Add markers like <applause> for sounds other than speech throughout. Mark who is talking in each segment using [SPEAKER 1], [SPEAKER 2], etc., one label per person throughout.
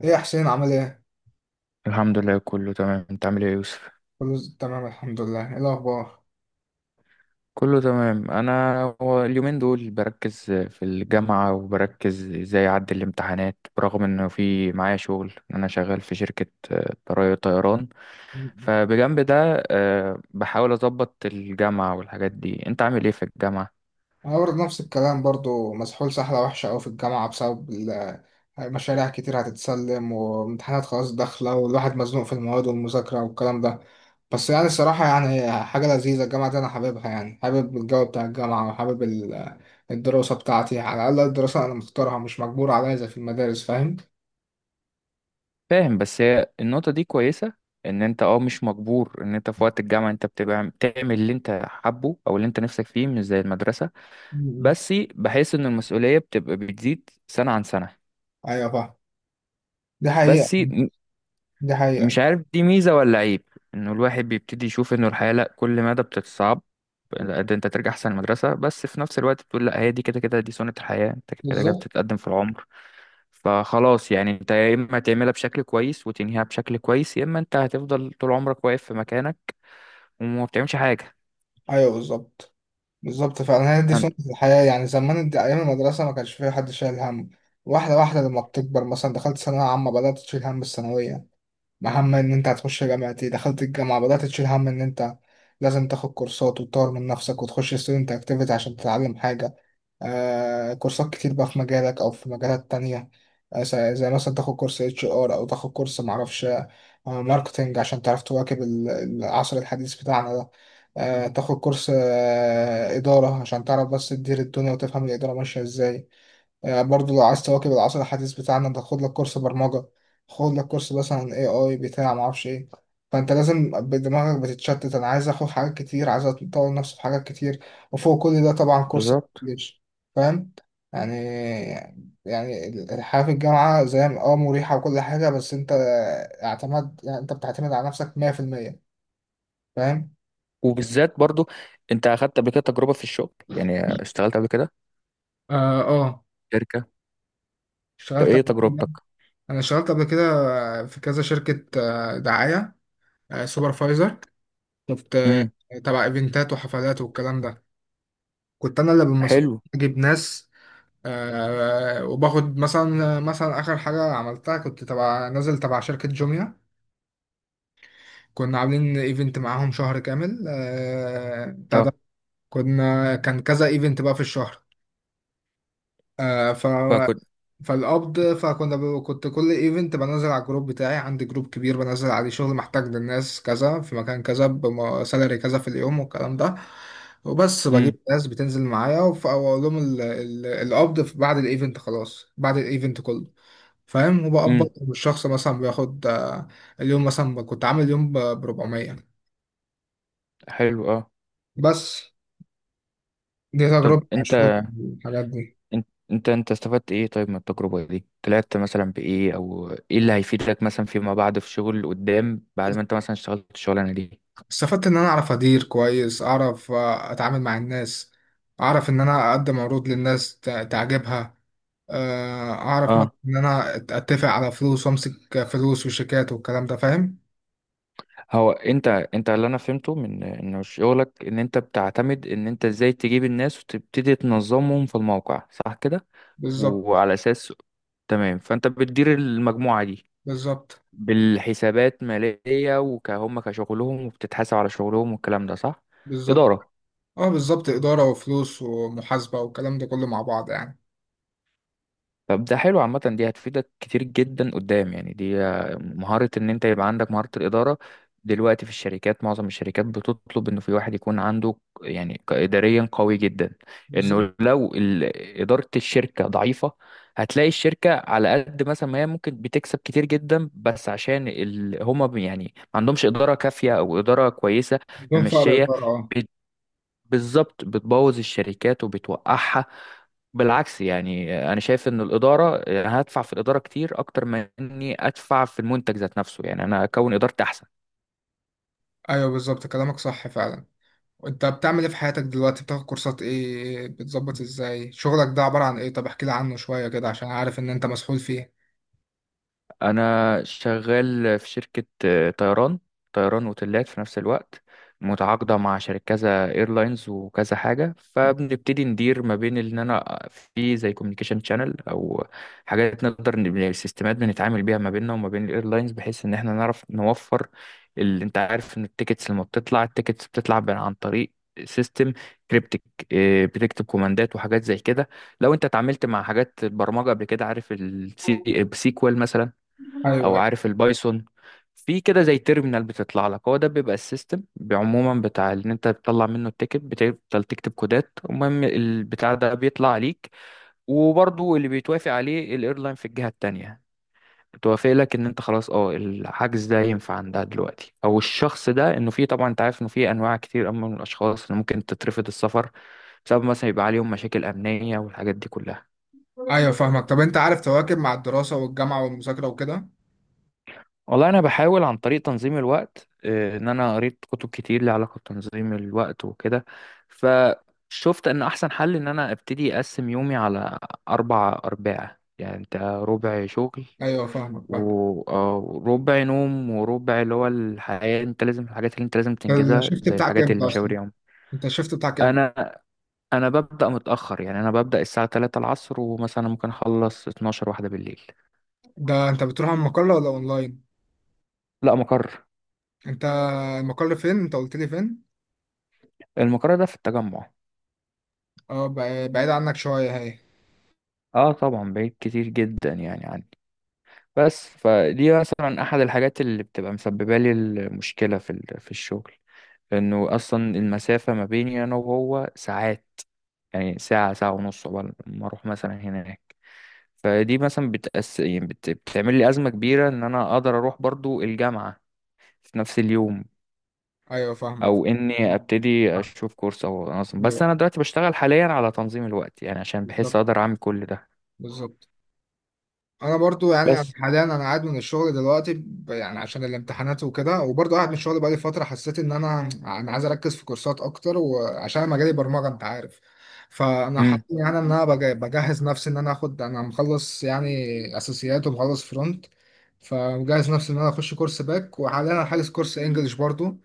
[SPEAKER 1] ايه يا حسين عامل ايه؟
[SPEAKER 2] الحمد لله، كله تمام. انت عامل ايه يا يوسف؟
[SPEAKER 1] تمام الحمد لله، ايه الأخبار؟
[SPEAKER 2] كله تمام، انا هو اليومين دول بركز في الجامعة وبركز ازاي اعدي الامتحانات، برغم انه في معايا شغل. انا شغال في شركة طيران، فبجنب ده بحاول اظبط الجامعة والحاجات دي. انت عامل ايه في الجامعة؟
[SPEAKER 1] أنا برضه نفس الكلام برضه مسحول سحلة وحشة أوي في الجامعة مشاريع كتير هتتسلم وامتحانات خلاص داخلة والواحد مزنوق في المواد والمذاكرة والكلام ده. بس يعني الصراحة يعني حاجة لذيذة الجامعة دي أنا حاببها، يعني حابب الجو بتاع الجامعة الدراسة بتاعتي، على الأقل الدراسة أنا مختارها مش مجبور عليها زي في المدارس، فاهم؟
[SPEAKER 2] فاهم، بس هي النقطة دي كويسة، ان انت مش مجبور، ان انت في وقت الجامعة انت بتبقى بتعمل اللي انت حابه او اللي انت نفسك فيه، مش زي المدرسة.
[SPEAKER 1] مم.
[SPEAKER 2] بس بحس ان المسؤولية بتبقى بتزيد سنة عن سنة.
[SPEAKER 1] أيوة فاهم. دي حقيقة.
[SPEAKER 2] بس
[SPEAKER 1] دي حقيقة.
[SPEAKER 2] مش عارف دي ميزة ولا عيب، انه الواحد بيبتدي يشوف انه الحياة لا كل مدى بتتصعب، لا ده انت ترجع احسن المدرسة، بس في نفس الوقت بتقول لا، هي دي كده كده، دي سنة الحياة، انت كده كده
[SPEAKER 1] بالظبط.
[SPEAKER 2] بتتقدم في العمر. فخلاص يعني انت يا اما تعملها بشكل كويس وتنهيها بشكل كويس، يا اما انت هتفضل طول عمرك واقف في مكانك وما بتعملش حاجة.
[SPEAKER 1] أيوة بالظبط. بالظبط فعلا، هي دي
[SPEAKER 2] أن-
[SPEAKER 1] سنة الحياة. يعني زمان دي أيام المدرسة ما كانش فيها حد شايل هم. واحدة واحدة لما بتكبر، مثلا دخلت ثانوية عامة بدأت تشيل هم الثانوية، هم إن أنت هتخش جامعة. إيه، دخلت الجامعة بدأت تشيل هم إن أنت لازم تاخد كورسات وتطور من نفسك وتخش ستودنت أكتيفيتي عشان تتعلم حاجة. كورسات كتير بقى في مجالك او في مجالات تانية. زي مثلا تاخد كورس اتش ار، او تاخد كورس معرفش ماركتينج، عشان تعرف تواكب العصر الحديث بتاعنا ده. تاخد كورس إدارة عشان تعرف بس تدير الدنيا وتفهم الإدارة ماشية ازاي. برضو لو عايز تواكب العصر الحديث بتاعنا ده، خد لك كورس برمجة، خد لك كورس مثلا اي اي بتاع معرفش ايه. فانت لازم دماغك بتتشتت، انا عايز اخد حاجات كتير، عايز اطور نفسي في حاجات كتير، وفوق كل ده طبعا كورس
[SPEAKER 2] بالظبط.
[SPEAKER 1] الانجليش، فاهم يعني؟ يعني الحياة في الجامعة زي مريحة وكل حاجة، بس انت اعتمد يعني انت بتعتمد على نفسك 100%، فاهم؟
[SPEAKER 2] وبالذات برضو انت اخدت قبل كده تجربة في الشغل، يعني اشتغلت قبل كده.
[SPEAKER 1] اه آه.
[SPEAKER 2] طب
[SPEAKER 1] اشتغلت
[SPEAKER 2] ايه
[SPEAKER 1] قبل كده.
[SPEAKER 2] تجربتك؟
[SPEAKER 1] انا اشتغلت قبل كده في كذا شركة دعاية، سوبرفايزر. شفت
[SPEAKER 2] امم.
[SPEAKER 1] تبع ايفنتات وحفلات والكلام ده. كنت انا اللي بالمسؤول،
[SPEAKER 2] حلو.
[SPEAKER 1] اجيب ناس. آه، وباخد مثلا اخر حاجه عملتها، كنت تبع نازل تبع شركه جوميا، كنا عاملين ايفنت معاهم شهر كامل آه بتاع
[SPEAKER 2] اه.
[SPEAKER 1] ده. كان كذا ايفنت بقى في الشهر. آه.
[SPEAKER 2] فكنت.
[SPEAKER 1] كنت كل ايفنت بنزل على الجروب بتاعي، عندي جروب كبير بنزل عليه شغل، محتاج للناس كذا في مكان كذا بسالري كذا في اليوم والكلام ده. وبس
[SPEAKER 2] امم.
[SPEAKER 1] بجيب ناس بتنزل معايا، واقول لهم القبض بعد الايفنت، خلاص بعد الايفنت كله، فاهم؟ وبقبض
[SPEAKER 2] امم.
[SPEAKER 1] الشخص مثلا بياخد اليوم، مثلا كنت عامل يوم ب 400
[SPEAKER 2] حلو. اه،
[SPEAKER 1] بس. دي
[SPEAKER 2] طب
[SPEAKER 1] تجربتي مع الشغل في الحاجات دي.
[SPEAKER 2] انت استفدت ايه طيب من التجربة دي، طلعت مثلا بايه، او ايه اللي هيفيدك مثلا فيما بعد في شغل قدام، بعد ما انت مثلا اشتغلت الشغلانة دي؟
[SPEAKER 1] استفدت ان انا اعرف ادير كويس، اعرف اتعامل مع الناس، اعرف ان انا اقدم عروض للناس تعجبها، اعرف مثلا
[SPEAKER 2] اه.
[SPEAKER 1] ان انا اتفق على فلوس وامسك فلوس وشيكات والكلام ده، فاهم.
[SPEAKER 2] هو انت انت اللي انا فهمته من انه شغلك ان انت بتعتمد ان انت ازاي تجيب الناس وتبتدي تنظمهم في الموقع، صح كده؟
[SPEAKER 1] بالظبط.
[SPEAKER 2] وعلى اساس، تمام، فانت بتدير المجموعة دي
[SPEAKER 1] بالظبط.
[SPEAKER 2] بالحسابات مالية وكهم كشغلهم، وبتتحاسب على شغلهم والكلام ده، صح؟
[SPEAKER 1] بالظبط.
[SPEAKER 2] إدارة.
[SPEAKER 1] اه بالظبط، اداره وفلوس ومحاسبه والكلام ده كله مع بعض يعني.
[SPEAKER 2] طب ده حلو عامة، دي هتفيدك كتير جدا قدام، يعني دي مهارة ان انت يبقى عندك مهارة الإدارة. دلوقتي في الشركات، معظم الشركات بتطلب انه في واحد يكون عنده، يعني إداريا قوي جدا.
[SPEAKER 1] بالظبط،
[SPEAKER 2] انه لو إدارة الشركة ضعيفة، هتلاقي الشركة على قد مثلا ما هي ممكن بتكسب كتير جدا، بس عشان ال... هما يعني ما عندهمش إدارة كافية او إدارة كويسة
[SPEAKER 1] بدون فرق
[SPEAKER 2] ممشية.
[SPEAKER 1] اداره اه.
[SPEAKER 2] بالظبط، بتبوظ الشركات وبتوقعها. بالعكس، يعني انا شايف ان الاداره، يعني انا هدفع في الاداره كتير اكتر ما اني ادفع في المنتج ذات نفسه، يعني انا اكون ادارتي احسن.
[SPEAKER 1] ايوه بالظبط، كلامك صح فعلا. وانت بتعمل ايه في حياتك دلوقتي، بتاخد كورسات ايه، بتظبط ازاي شغلك ده، عبارة عن ايه؟ طب احكي لي عنه شوية كده، عشان عارف ان انت مسحول فيه.
[SPEAKER 2] انا شغال في شركة طيران، طيران وتلات في نفس الوقت، متعاقدة مع شركة كذا ايرلاينز وكذا حاجة. فبنبتدي ندير ما بين ان انا في زي كوميونيكيشن شانل، او حاجات نقدر يعني السيستمات بنتعامل بيها ما بيننا وما بين الايرلاينز، بحيث ان احنا نعرف نوفر. اللي انت عارف ان التيكتس لما بتطلع، التيكتس بتطلع عن طريق سيستم كريبتك، بتكتب كوماندات وحاجات زي كده. لو انت اتعاملت مع حاجات البرمجه قبل كده، عارف السيكوال مثلا،
[SPEAKER 1] ايوه.
[SPEAKER 2] او
[SPEAKER 1] ايوه.
[SPEAKER 2] عارف البايثون، في كده زي تيرمينال بتطلع لك، هو ده بيبقى السيستم عموما بتاع ان انت بتطلع منه التيكت. بتفضل تكتب كودات، المهم البتاع ده بيطلع عليك، وبرضو اللي بيتوافق عليه الايرلاين في الجهة التانية بتوافق لك ان انت خلاص، الحجز ده ينفع عندها دلوقتي، او الشخص ده انه في، طبعا انت عارف انه في انواع كتير أما من الاشخاص اللي ممكن تترفض السفر، بسبب مثلا يبقى عليهم مشاكل امنية والحاجات دي كلها.
[SPEAKER 1] ايوه فاهمك. طب انت عارف تواكب مع الدراسه والجامعه والمذاكره وكده؟
[SPEAKER 2] والله انا بحاول عن طريق تنظيم الوقت، ان انا قريت كتب كتير ليها علاقه بتنظيم الوقت وكده. فشفت ان احسن حل ان انا ابتدي اقسم يومي على اربع ارباع، يعني انت ربع شغل،
[SPEAKER 1] ايوه فاهمك فاهمك.
[SPEAKER 2] وربع نوم، وربع اللي هو الحياه، انت لازم الحاجات اللي انت لازم تنجزها،
[SPEAKER 1] الشيفت
[SPEAKER 2] زي
[SPEAKER 1] بتاعك
[SPEAKER 2] الحاجات اللي
[SPEAKER 1] امتى
[SPEAKER 2] مشاوير
[SPEAKER 1] اصلا؟
[SPEAKER 2] يوم.
[SPEAKER 1] انت الشيفت بتاعك امتى؟
[SPEAKER 2] انا انا ببدا متاخر، يعني انا ببدا الساعه 3 العصر، ومثلا ممكن اخلص 12 واحده بالليل.
[SPEAKER 1] ده انت بتروح على المقر ولا اونلاين؟
[SPEAKER 2] لا، مقر،
[SPEAKER 1] انت المقر فين؟ انت قلت لي فين؟
[SPEAKER 2] المقر ده في التجمع.
[SPEAKER 1] اه، بعيد عنك شويه هي.
[SPEAKER 2] اه طبعا، بعيد كتير جدا يعني عني، بس فدي مثلا احد الحاجات اللي بتبقى مسببه لي المشكله في في الشغل، لانه اصلا المسافه ما بيني انا وهو ساعات، يعني ساعه، ساعه ونص قبل ما اروح مثلا هناك. فدي مثلا يعني بتعمل لي ازمه كبيره ان انا اقدر اروح برضو الجامعه في نفس اليوم،
[SPEAKER 1] ايوه فاهمك.
[SPEAKER 2] او اني ابتدي اشوف كورس او انظم. بس
[SPEAKER 1] ايوه
[SPEAKER 2] انا دلوقتي بشتغل حاليا على تنظيم الوقت، يعني عشان بحس
[SPEAKER 1] بالظبط.
[SPEAKER 2] اقدر اعمل كل ده
[SPEAKER 1] بالظبط. انا برضو يعني
[SPEAKER 2] بس.
[SPEAKER 1] حاليا انا قاعد من الشغل دلوقتي يعني عشان الامتحانات وكده، وبرضو قاعد من الشغل بقالي فتره، حسيت ان انا عايز اركز في كورسات اكتر، وعشان انا مجالي برمجه انت عارف. فانا حاسس
[SPEAKER 2] امم
[SPEAKER 1] يعني ان انا بجهز نفسي ان انا اخد، انا مخلص يعني اساسيات ومخلص فرونت، فمجهز نفسي ان انا اخش كورس باك، وحاليا انا حاجز كورس انجليش برضو،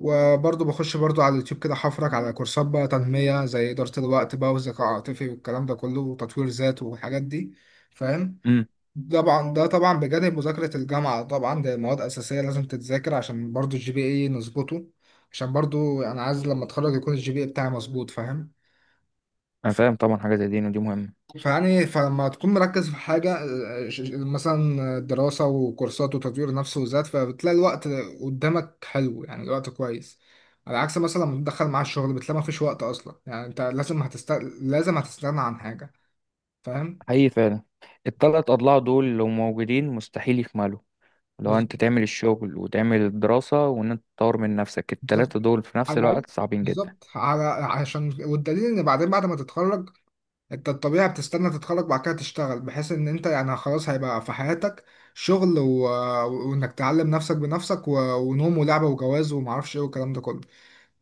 [SPEAKER 1] وبرضو بخش برضو على اليوتيوب كده حفرك على كورسات بقى تنميه، زي اداره الوقت بقى والذكاء العاطفي والكلام ده كله، وتطوير ذات والحاجات دي، فاهم.
[SPEAKER 2] امم.
[SPEAKER 1] طبعا ده طبعا بجانب مذاكرة الجامعة، طبعا ده مواد أساسية لازم تتذاكر، عشان برضو الجي بي اي نظبطه، عشان برضو أنا عايز لما أتخرج يكون الجي بي اي بتاعي مظبوط، فاهم.
[SPEAKER 2] انا
[SPEAKER 1] ف-
[SPEAKER 2] فاهم طبعا، حاجه زي دي ودي مهمه.
[SPEAKER 1] فيعني فلما تكون مركز في حاجة، مثلا دراسة وكورسات وتطوير نفس وذات، فبتلاقي الوقت قدامك حلو يعني، الوقت كويس، على عكس مثلا لما تدخل مع الشغل بتلاقي مفيش وقت أصلا. يعني أنت لازم هتستغنى عن حاجة، فاهم.
[SPEAKER 2] حقيقي فعلا، التلات اضلاع دول لو موجودين مستحيل يكملوا، لو انت تعمل الشغل وتعمل الدراسه وان انت تطور من نفسك،
[SPEAKER 1] بالظبط.
[SPEAKER 2] التلاته دول في
[SPEAKER 1] على
[SPEAKER 2] نفس
[SPEAKER 1] الأقل.
[SPEAKER 2] الوقت صعبين جدا.
[SPEAKER 1] بالظبط على عشان والدليل ان بعدين بعد ما تتخرج، انت الطبيعي بتستنى تتخرج بعد كده تشتغل، بحيث ان انت يعني خلاص هيبقى في حياتك شغل و... وانك تعلم نفسك بنفسك، ونوم ولعبة وجواز ومعرفش ايه والكلام ده كله.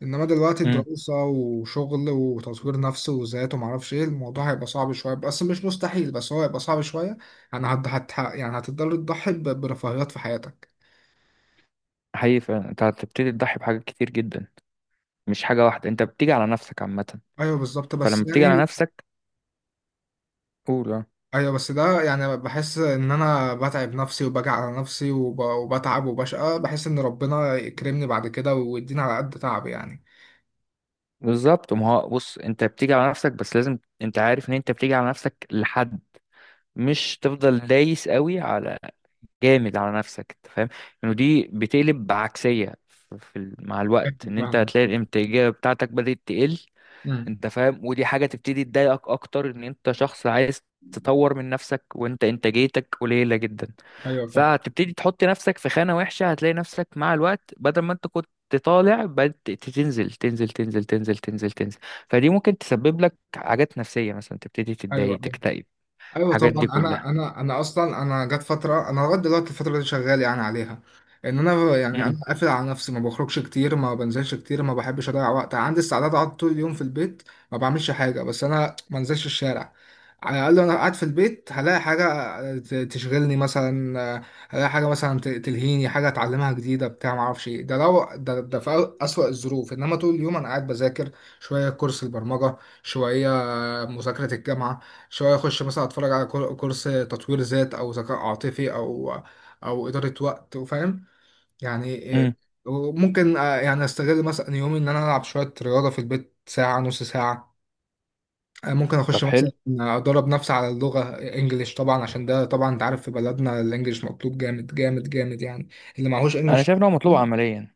[SPEAKER 1] انما دلوقتي
[SPEAKER 2] امم.
[SPEAKER 1] دراسة وشغل وتطوير نفس وذات ومعرفش ايه، الموضوع هيبقى صعب شوية بس مش مستحيل، بس هو هيبقى صعب شوية. يعني هتضطر تضحي برفاهيات في حياتك.
[SPEAKER 2] حقيقي فعلا، انت هتبتدي تضحي بحاجات كتير جدا، مش حاجه واحده، انت بتيجي على نفسك عامه.
[SPEAKER 1] ايوه بالظبط، بس
[SPEAKER 2] فلما بتيجي على
[SPEAKER 1] يعني
[SPEAKER 2] نفسك، قول آه.
[SPEAKER 1] ايوه. بس ده يعني بحس ان انا بتعب نفسي وبجع على نفسي، وبتعب وبشقى، بحس ان ربنا يكرمني بعد كده ويديني على قد تعبي يعني.
[SPEAKER 2] بالظبط، ما هو بص انت بتيجي على نفسك، بس لازم انت عارف ان انت بتيجي على نفسك لحد، مش تفضل دايس قوي، على جامد على نفسك. انت فاهم، انه دي بتقلب بعكسيه في مع
[SPEAKER 1] فاهم
[SPEAKER 2] الوقت، ان انت
[SPEAKER 1] فاهم.
[SPEAKER 2] هتلاقي الانتاجيه بتاعتك بدات تقل.
[SPEAKER 1] امم.
[SPEAKER 2] انت فاهم، ودي حاجه تبتدي تضايقك اكتر، ان انت شخص عايز تطور من نفسك وانت انتاجيتك قليله جدا.
[SPEAKER 1] ايوه فاهم.
[SPEAKER 2] فهتبتدي تحط نفسك في خانه وحشه، هتلاقي نفسك مع الوقت بدل ما انت كنت طالع، بدأت تنزل تنزل تنزل تنزل تنزل تنزل. فدي ممكن تسبب لك حاجات نفسيه، مثلا تبتدي
[SPEAKER 1] ايوه.
[SPEAKER 2] تتضايق، تكتئب،
[SPEAKER 1] ايوه
[SPEAKER 2] الحاجات
[SPEAKER 1] طبعا.
[SPEAKER 2] دي كلها.
[SPEAKER 1] انا جت فتره، انا لغايه دلوقتي الفتره دي شغال يعني عليها، ان انا يعني
[SPEAKER 2] امم.
[SPEAKER 1] انا قافل على نفسي، ما بخرجش كتير، ما بنزلش كتير، ما بحبش اضيع وقت، عندي استعداد اقعد طول اليوم في البيت ما بعملش حاجه، بس انا ما انزلش الشارع. على الاقل انا قاعد في البيت هلاقي حاجه تشغلني مثلا، هلاقي حاجه مثلا تلهيني، حاجه اتعلمها جديده بتاع ما اعرفش ايه، ده لو ده، ده في اسوأ الظروف. انما طول اليوم انا قاعد بذاكر، شويه كورس البرمجه، شويه مذاكرة الجامعة، شوية أخش مثلا أتفرج على كورس تطوير ذات أو ذكاء عاطفي أو أو إدارة وقت، وفاهم يعني إيه.
[SPEAKER 2] امم.
[SPEAKER 1] وممكن يعني أستغل مثلا يومي، إن أنا ألعب شوية رياضة في البيت ساعة نص ساعة. ممكن
[SPEAKER 2] طب
[SPEAKER 1] أخش
[SPEAKER 2] حلو.
[SPEAKER 1] مثلا أدرب نفسي على اللغة إنجليش، طبعا عشان ده طبعا أنت عارف في بلدنا الإنجليش مطلوب جامد جامد جامد يعني. اللي معهوش
[SPEAKER 2] انا
[SPEAKER 1] إنجليش
[SPEAKER 2] شايف ان هو مطلوب عمليا،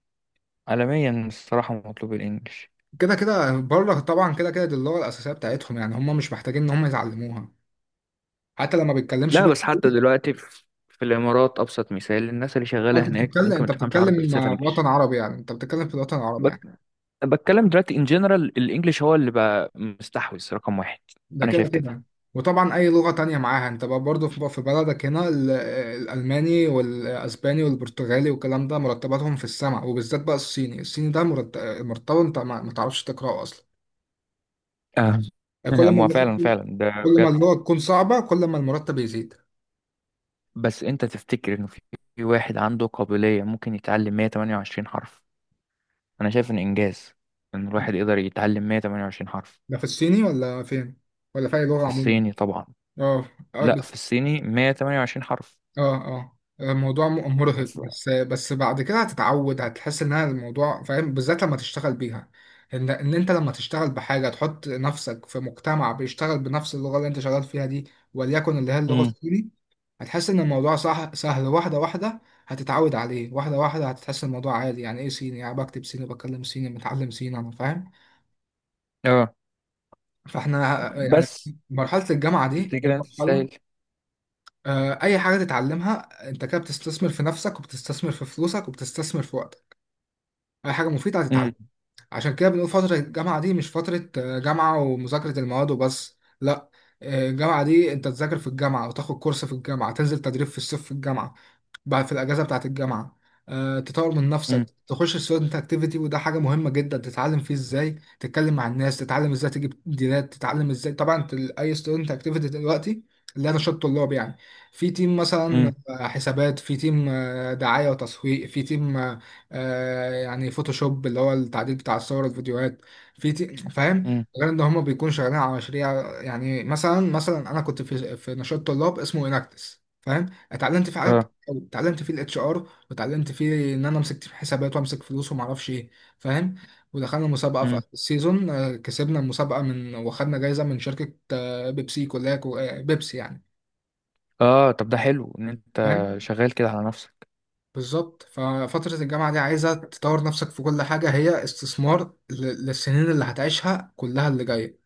[SPEAKER 2] عالميا الصراحة مطلوب الإنجليش.
[SPEAKER 1] كده كده بره. طبعا كده كده دي اللغة الأساسية بتاعتهم، يعني هم مش محتاجين إن هم يتعلموها حتى لما بيتكلمش.
[SPEAKER 2] لا بس حتى دلوقتي في الإمارات، أبسط مثال الناس اللي
[SPEAKER 1] اه
[SPEAKER 2] شغالة
[SPEAKER 1] انت
[SPEAKER 2] هناك
[SPEAKER 1] بتتكلم
[SPEAKER 2] ممكن ما
[SPEAKER 1] انت
[SPEAKER 2] تفهمش عربي بس
[SPEAKER 1] بتتكلم
[SPEAKER 2] تفهم إنجليش.
[SPEAKER 1] وطن عربي، يعني انت بتتكلم في الوطن العربي
[SPEAKER 2] بك...
[SPEAKER 1] يعني.
[SPEAKER 2] بتكلم دلوقتي إن جنرال الإنجليش هو اللي بقى مستحوذ رقم واحد.
[SPEAKER 1] ده
[SPEAKER 2] أنا
[SPEAKER 1] كده
[SPEAKER 2] شايف كده.
[SPEAKER 1] كده. وطبعا اي لغة تانية معاها انت بقى برضه في بلدك هنا، الالماني والاسباني والبرتغالي والكلام ده مرتباتهم في السماء، وبالذات بقى الصيني، الصيني ده مرتبه انت ما ما تعرفش تقراه اصلا.
[SPEAKER 2] آه.
[SPEAKER 1] يعني كل
[SPEAKER 2] <laughs>
[SPEAKER 1] ما
[SPEAKER 2] ما فعلا
[SPEAKER 1] اللغة-
[SPEAKER 2] فعلا ده
[SPEAKER 1] كل ما
[SPEAKER 2] بجد.
[SPEAKER 1] اللغة تكون صعبة كل ما المرتب يزيد.
[SPEAKER 2] بس أنت تفتكر إنه في واحد عنده قابلية ممكن يتعلم 128 حرف؟ أنا شايف إن إنجاز إن الواحد يقدر يتعلم 128 حرف.
[SPEAKER 1] ده في الصيني ولا فين؟ ولا في اي لغة
[SPEAKER 2] في
[SPEAKER 1] عموما؟
[SPEAKER 2] الصيني طبعا.
[SPEAKER 1] اه. آه.
[SPEAKER 2] لا، في الصيني 128 حرف.
[SPEAKER 1] اه اه. الموضوع مرهق،
[SPEAKER 2] ف-
[SPEAKER 1] بس بس بعد كده هتتعود، هتحس انها الموضوع فاهم بالذات لما تشتغل بيها. ان ان انت لما تشتغل بحاجه تحط نفسك في مجتمع بيشتغل بنفس اللغه اللي انت شغال فيها دي، وليكن اللي هي اللغه
[SPEAKER 2] مم.
[SPEAKER 1] الصيني، هتحس ان الموضوع صح سهل، واحده واحده هتتعود عليه، واحده واحده هتحس الموضوع عادي، يعني ايه صيني يعني بكتب صيني بكلم صيني متعلم صيني انا، فاهم.
[SPEAKER 2] اه
[SPEAKER 1] فاحنا يعني
[SPEAKER 2] بس
[SPEAKER 1] مرحله الجامعه دي هي
[SPEAKER 2] تفتكر انت
[SPEAKER 1] مرحله،
[SPEAKER 2] تستاهل؟
[SPEAKER 1] اي حاجه تتعلمها انت كده بتستثمر في نفسك وبتستثمر في فلوسك وبتستثمر في وقتك، اي حاجه مفيده هتتعلمها.
[SPEAKER 2] امم.
[SPEAKER 1] عشان كده بنقول فتره الجامعه دي مش فتره جامعه ومذاكره المواد وبس، لا، الجامعه دي انت تذاكر في الجامعه وتاخد كورس في الجامعه، تنزل تدريب في الصيف في الجامعه، بعد في الاجازه بتاعت الجامعه، تطور من
[SPEAKER 2] امم.
[SPEAKER 1] نفسك، تخش ستودنت اكتيفيتي، وده حاجه مهمه جدا، تتعلم فيه ازاي تتكلم مع الناس، تتعلم ازاي تجيب ديلات، تتعلم ازاي، طبعا اي ستودنت اكتيفيتي دلوقتي اللي انا شط طلاب يعني، في تيم
[SPEAKER 2] امم.
[SPEAKER 1] مثلا حسابات، في تيم دعايه وتسويق، في تيم يعني فوتوشوب اللي هو التعديل بتاع الصور الفيديوهات، في تيم، فاهم.
[SPEAKER 2] امم.
[SPEAKER 1] غير ان هم بيكونوا شغالين على مشاريع، يعني مثلا انا كنت في نشاط طلاب اسمه اناكتس، فاهم. اتعلمت في،
[SPEAKER 2] اه.
[SPEAKER 1] اتعلمت فيه الاتش ار، واتعلمت فيه ان انا امسك حسابات وامسك فلوس وما اعرفش ايه، فاهم. ودخلنا مسابقه في
[SPEAKER 2] امم.
[SPEAKER 1] اخر السيزون، كسبنا المسابقه، من واخدنا جايزه من شركه بيبسي كلها بيبسي يعني،
[SPEAKER 2] اه، طب ده حلو ان انت
[SPEAKER 1] فاهم.
[SPEAKER 2] شغال كده على نفسك.
[SPEAKER 1] بالظبط. ففتره الجامعه دي عايزه تطور نفسك في كل حاجه، هي استثمار للسنين اللي هتعيشها كلها اللي جايه.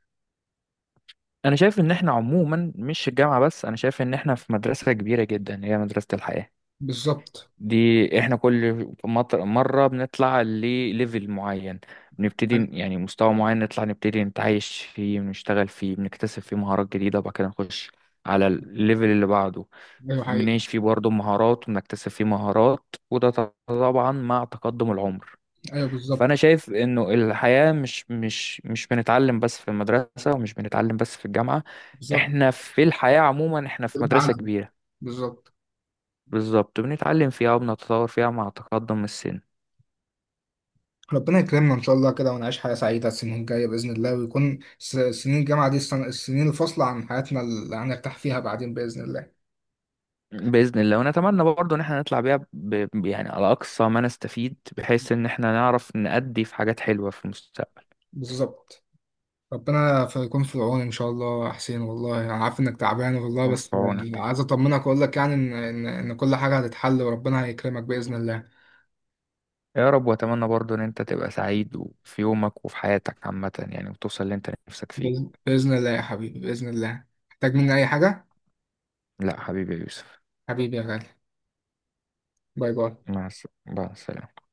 [SPEAKER 2] انا شايف ان احنا عموما مش الجامعه بس، انا شايف ان احنا في مدرسه كبيره جدا، هي مدرسه الحياه
[SPEAKER 1] بالظبط.
[SPEAKER 2] دي. احنا كل مرة بنطلع لليفل معين، بنبتدي
[SPEAKER 1] ايوه.
[SPEAKER 2] يعني مستوى معين نطلع نبتدي نتعايش فيه، بنشتغل فيه، بنكتسب فيه مهارات جديدة، وبعد كده نخش على الليفل اللي بعده،
[SPEAKER 1] أيوه، حقيقي.
[SPEAKER 2] بنعيش فيه برضه مهارات، وبنكتسب فيه مهارات، وده طبعا مع تقدم العمر.
[SPEAKER 1] ايوه
[SPEAKER 2] فأنا
[SPEAKER 1] بالظبط.
[SPEAKER 2] شايف إنه الحياة مش بنتعلم بس في المدرسة، ومش بنتعلم بس في الجامعة،
[SPEAKER 1] بالظبط.
[SPEAKER 2] احنا في الحياة عموما احنا في مدرسة
[SPEAKER 1] بتعلم.
[SPEAKER 2] كبيرة،
[SPEAKER 1] بالظبط.
[SPEAKER 2] بالظبط بنتعلم فيها وبنتطور فيها مع تقدم السن.
[SPEAKER 1] ربنا يكرمنا ان شاء الله كده ونعيش حياه سعيده السنين الجايه باذن الله، ويكون سنين الجامعه دي السنين الفاصله عن حياتنا اللي هنرتاح فيها بعدين باذن الله.
[SPEAKER 2] بإذن الله، ونتمنى برضه إن احنا نطلع بيها يعني على أقصى ما نستفيد، بحيث إن احنا نعرف نأدي في حاجات حلوة في المستقبل.
[SPEAKER 1] بالظبط. ربنا يكون في العون ان شاء الله يا حسين، والله انا عارف انك تعبان والله،
[SPEAKER 2] يكون في
[SPEAKER 1] بس
[SPEAKER 2] عونك.
[SPEAKER 1] عايز اطمنك واقول لك يعني ان ان إن كل حاجه هتتحل وربنا هيكرمك باذن الله.
[SPEAKER 2] يا رب، وأتمنى برضه إن أنت تبقى سعيد وفي يومك وفي حياتك عامة يعني، وتوصل اللي أنت نفسك فيه.
[SPEAKER 1] بإذن الله يا حبيبي، بإذن الله. محتاج مني أي حاجة؟
[SPEAKER 2] لا حبيبي يا يوسف.
[SPEAKER 1] حبيبي يا غالي. باي باي.
[SPEAKER 2] مع السلامة.